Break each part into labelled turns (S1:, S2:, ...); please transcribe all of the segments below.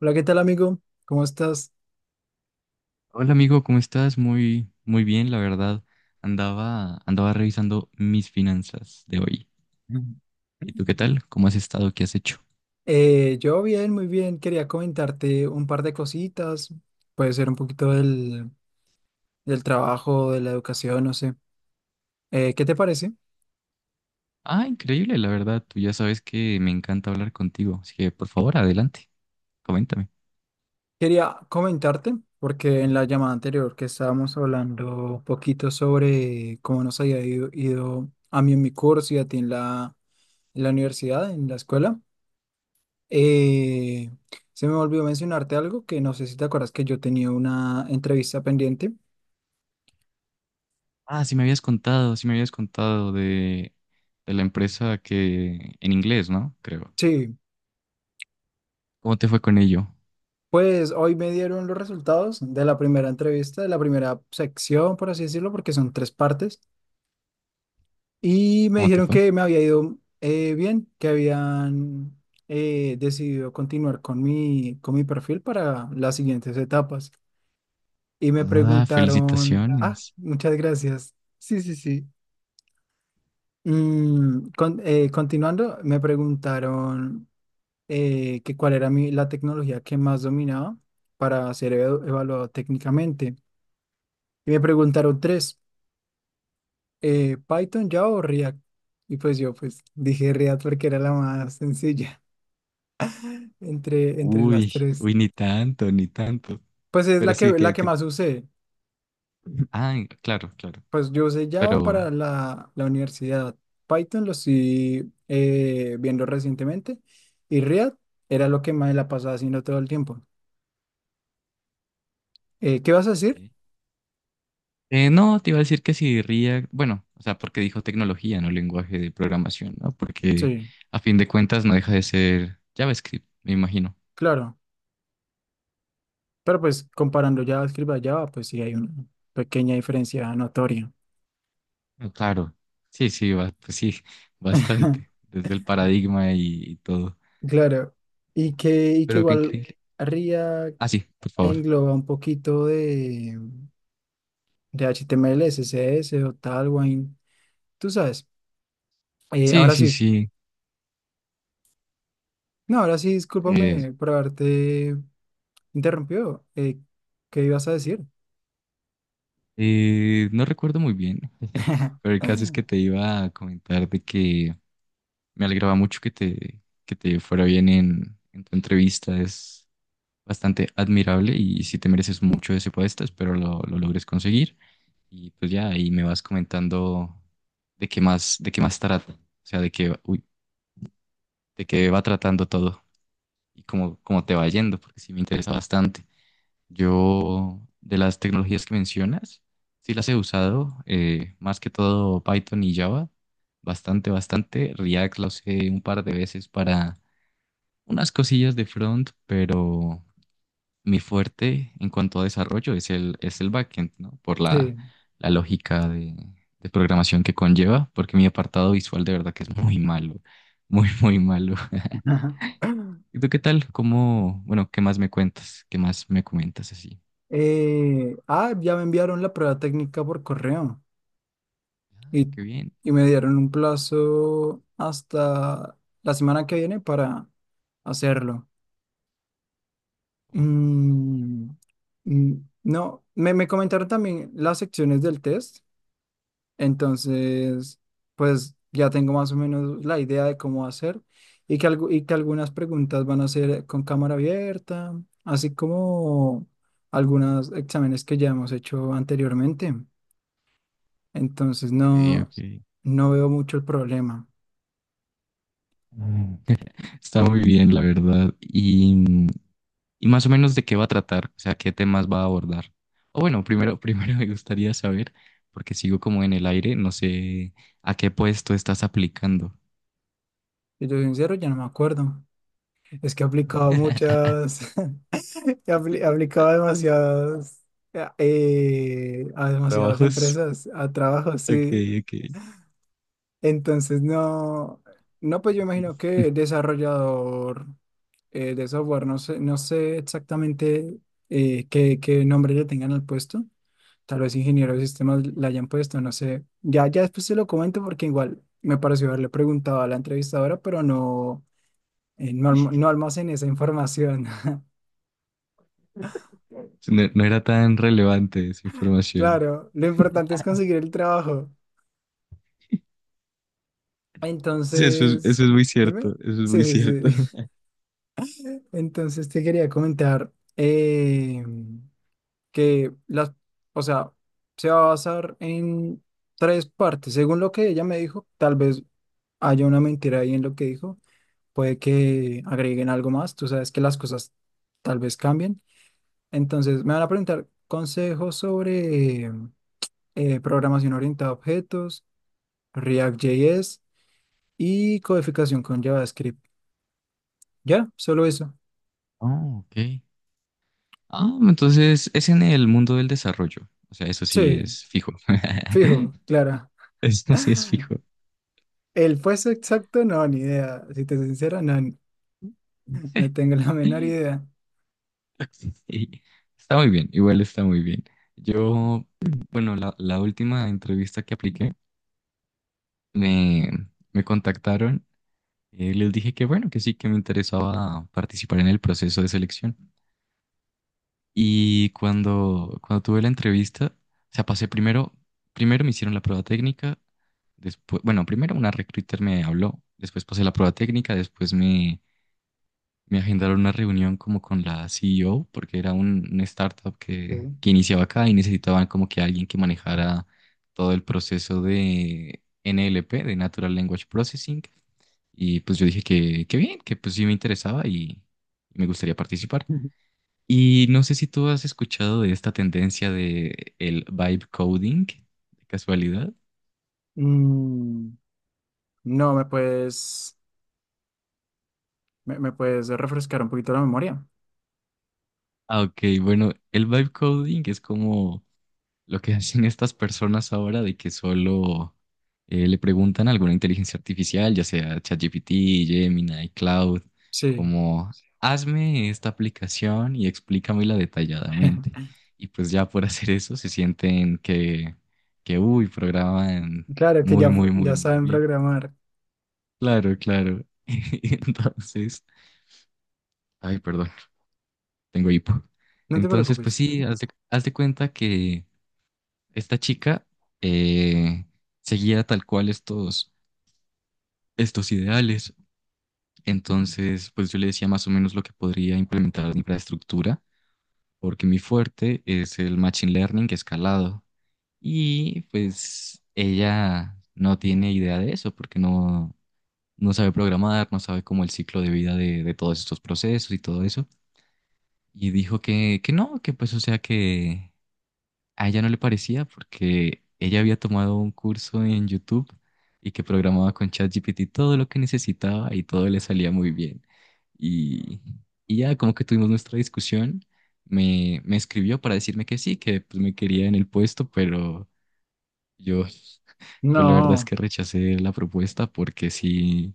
S1: Hola, ¿qué tal amigo? ¿Cómo estás?
S2: Hola amigo, ¿cómo estás? Muy, muy bien, la verdad. Andaba revisando mis finanzas de hoy.
S1: Mm.
S2: ¿Y tú qué tal? ¿Cómo has estado? ¿Qué has hecho?
S1: Yo bien, muy bien. Quería comentarte un par de cositas. Puede ser un poquito del trabajo, de la educación, no sé. ¿Qué te parece?
S2: Ah, increíble, la verdad. Tú ya sabes que me encanta hablar contigo, así que por favor, adelante, coméntame.
S1: Quería comentarte, porque en la llamada anterior que estábamos hablando un poquito sobre cómo nos había ido a mí en mi curso y a ti en la universidad, en la escuela, eh, se me olvidó mencionarte algo que no sé si te acuerdas que yo tenía una entrevista pendiente.
S2: Ah, sí me habías contado, de la empresa que en inglés, ¿no? Creo.
S1: Sí,
S2: ¿Cómo te fue con ello?
S1: pues hoy me dieron los resultados de la primera entrevista, de la primera sección, por así decirlo, porque son tres partes, y me
S2: ¿Cómo te
S1: dijeron
S2: fue?
S1: que me había ido bien, que habían decidido continuar con mi perfil para las siguientes etapas. Y me
S2: Ah,
S1: preguntaron, ah,
S2: felicitaciones.
S1: muchas gracias. Sí, sí, sí. Continuando, me preguntaron que cuál era la tecnología que más dominaba para ser evaluado técnicamente. Y me preguntaron tres, ¿Python, Java o React? Y pues yo pues dije React porque era la más sencilla entre las
S2: Uy,
S1: tres.
S2: uy, ni tanto, ni tanto.
S1: Pues es
S2: Pero
S1: la que,
S2: sí
S1: la
S2: que,
S1: que
S2: que...
S1: más usé.
S2: Ah, claro, claro.
S1: Pues yo usé Java
S2: Pero,
S1: para la universidad. Python lo estoy viendo recientemente. Y React era lo que más la pasaba haciendo todo el tiempo. ¿Qué vas a decir?
S2: sí. No, te iba a decir que si React, bueno, o sea, porque dijo tecnología, no lenguaje de programación, ¿no? Porque
S1: Sí,
S2: a fin de cuentas no deja de ser JavaScript, me imagino.
S1: claro. Pero pues comparando JavaScript a Java, pues sí hay una pequeña diferencia notoria.
S2: Ah, claro, sí, sí, pues sí, bastante, desde el paradigma y todo.
S1: Claro, y que
S2: Pero qué
S1: igual
S2: increíble.
S1: RIA
S2: Ah, sí, por favor.
S1: engloba un poquito de HTML, CSS o Tailwind, tú sabes.
S2: Sí,
S1: Ahora
S2: sí,
S1: sí,
S2: sí.
S1: no, ahora sí,
S2: eh,
S1: discúlpame por haberte interrumpido. ¿Qué ibas a decir?
S2: no recuerdo muy bien, pero el caso es que te iba a comentar de que me alegraba mucho que que te fuera bien en tu entrevista. Bastante admirable y si te mereces mucho ese puesto, espero lo logres conseguir. Y pues ya ahí me vas comentando de qué más trata, o sea, de qué, uy, de qué va tratando todo y cómo, cómo te va yendo, porque sí me interesa bastante. Yo, de las tecnologías que mencionas, sí las he usado, más que todo Python y Java, bastante, bastante. React lo usé un par de veces para unas cosillas de front, pero mi fuerte en cuanto a desarrollo es es el backend, ¿no?
S1: Sí.
S2: La lógica de programación que conlleva, porque mi apartado visual de verdad que es muy malo, muy, muy malo.
S1: Ajá.
S2: ¿Y tú qué tal? ¿Cómo, bueno, qué más me cuentas? ¿Qué más me comentas así?
S1: Ya me enviaron la prueba técnica por correo
S2: Ah,
S1: y,
S2: qué bien.
S1: y me dieron un plazo hasta la semana que viene para hacerlo. Mm, mm, no, me comentaron también las secciones del test, entonces pues ya tengo más o menos la idea de cómo hacer y que algunas preguntas van a ser con cámara abierta, así como algunos exámenes que ya hemos hecho anteriormente. Entonces
S2: Ok,
S1: no,
S2: ok.
S1: no veo mucho el problema.
S2: Mm. Está muy bien, la verdad. Y mm, y más o menos de qué va a tratar, o sea, qué temas va a abordar. O bueno, primero, primero me gustaría saber, porque sigo como en el aire, no sé a qué puesto estás aplicando.
S1: Si yo soy sincero, ya no me acuerdo. Es que he aplicado muchas, aplicaba demasiadas, a demasiadas
S2: Trabajos.
S1: empresas, a trabajos,
S2: Ok,
S1: sí.
S2: ok.
S1: Entonces, no, no, pues yo imagino que desarrollador de software, no sé, no sé exactamente qué nombre le tengan al puesto. Tal vez ingeniero de sistemas le hayan puesto, no sé. Ya, ya después se lo comento porque igual me pareció haberle preguntado a la entrevistadora, pero no, no, no almacené esa información.
S2: No, no era tan relevante esa información.
S1: Claro, lo importante es conseguir el trabajo.
S2: Sí, eso
S1: Entonces,
S2: es muy
S1: dime.
S2: cierto, eso es
S1: Sí,
S2: muy cierto.
S1: sí, sí. Entonces te quería comentar que las, o sea, se va a basar en tres partes. Según lo que ella me dijo, tal vez haya una mentira ahí en lo que dijo. Puede que agreguen algo más. Tú sabes que las cosas tal vez cambien. Entonces, me van a preguntar consejos sobre programación orientada a objetos, React.js y codificación con JavaScript. ¿Ya? Solo eso.
S2: Oh, ok. Ah, entonces es en el mundo del desarrollo. O sea, eso sí
S1: Sí,
S2: es fijo.
S1: fijo, claro.
S2: Eso sí es fijo.
S1: El peso exacto, no, ni idea. Si te soy sincero, no, tengo la menor idea.
S2: Sí, está muy bien, igual está muy bien. Yo, bueno, la última entrevista que apliqué, me, me contactaron, les dije que bueno, que sí, que me interesaba participar en el proceso de selección. Y cuando tuve la entrevista, o sea, pasé primero, primero me hicieron la prueba técnica, después, bueno, primero una recruiter me habló, después pasé la prueba técnica, después me Me agendaron una reunión como con la CEO, porque era una startup
S1: Sí.
S2: que iniciaba acá y necesitaban como que alguien que manejara todo el proceso de NLP, de Natural Language Processing. Y pues yo dije que bien, que pues sí me interesaba y me gustaría participar. Y no sé si tú has escuchado de esta tendencia de el vibe coding, de casualidad.
S1: Mm, no, me puedes refrescar un poquito la memoria.
S2: Ah, ok, bueno, el vibe coding es como lo que hacen estas personas ahora de que solo le preguntan a alguna inteligencia artificial, ya sea ChatGPT, Gemini, Cloud,
S1: Sí,
S2: como hazme esta aplicación y explícamela detalladamente. Y pues ya por hacer eso se sienten que uy, programan
S1: claro que
S2: muy,
S1: ya,
S2: muy, muy,
S1: ya
S2: muy
S1: saben
S2: bien.
S1: programar.
S2: Claro, claro. Entonces, ay, perdón, tengo hipo.
S1: No te
S2: Entonces, pues
S1: preocupes.
S2: sí, haz de cuenta que esta chica eh, seguía tal cual estos, estos ideales. Entonces, pues yo le decía más o menos lo que podría implementar en infraestructura, porque mi fuerte es el machine learning escalado. Y pues ella no tiene idea de eso, porque no, no sabe programar, no sabe cómo el ciclo de vida de todos estos procesos y todo eso. Y dijo que no, que pues o sea que a ella no le parecía porque ella había tomado un curso en YouTube y que programaba con ChatGPT todo lo que necesitaba y todo le salía muy bien. Y, y ya como que tuvimos nuestra discusión, me escribió para decirme que sí, que pues, me quería en el puesto, pero yo, yo la verdad es
S1: No,
S2: que rechacé la propuesta porque sí,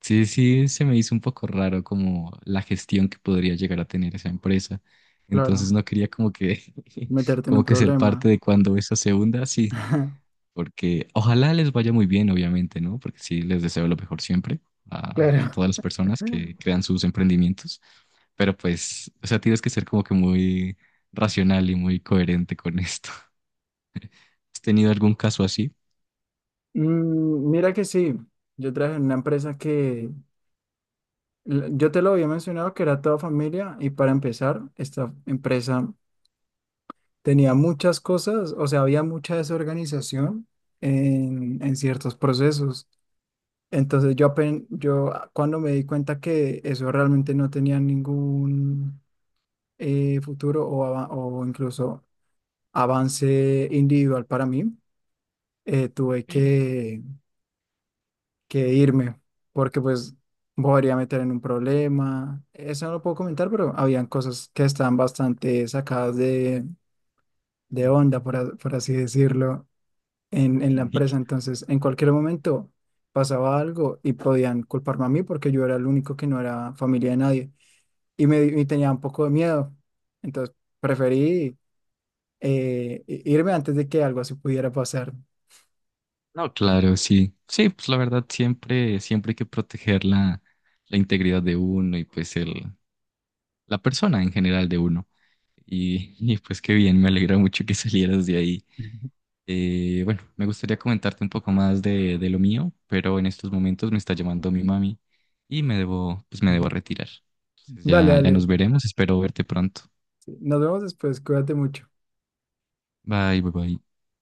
S2: sí, sí, se me hizo un poco raro como la gestión que podría llegar a tener esa empresa. Entonces
S1: claro,
S2: no quería como que,
S1: meterte en un
S2: como que ser
S1: problema.
S2: parte de cuando eso se hunda, sí, porque ojalá les vaya muy bien, obviamente, ¿no? Porque sí, les deseo lo mejor siempre a
S1: Claro.
S2: todas las personas que crean sus emprendimientos, pero pues, o sea, tienes que ser como que muy racional y muy coherente con esto. ¿Has tenido algún caso así?
S1: Mira que sí, yo trabajé en una empresa Yo te lo había mencionado que era toda familia y para empezar, esta empresa tenía muchas cosas, o sea, había mucha desorganización en ciertos procesos. Entonces yo, cuando me di cuenta que eso realmente no tenía ningún futuro o incluso avance individual para mí, tuve
S2: Ok.
S1: que irme, porque pues me podría meter en un problema. Eso no lo puedo comentar, pero habían cosas que estaban bastante sacadas de onda, por así decirlo, en la empresa. Entonces, en cualquier momento pasaba algo y podían culparme a mí porque yo era el único que no era familia de nadie y tenía un poco de miedo. Entonces, preferí irme antes de que algo así pudiera pasar.
S2: No, claro, sí. Sí, pues la verdad siempre, siempre hay que proteger la, la integridad de uno y pues el, la persona en general de uno. Y, pues qué bien, me alegra mucho que salieras de ahí. Bueno, me gustaría comentarte un poco más de lo mío, pero en estos momentos me está llamando mi mami y me debo, pues me debo
S1: Ujú.
S2: retirar. Entonces
S1: Dale,
S2: ya, ya
S1: dale.
S2: nos veremos, espero verte pronto.
S1: Nos vemos después. Cuídate mucho.
S2: Bye, bye, bye.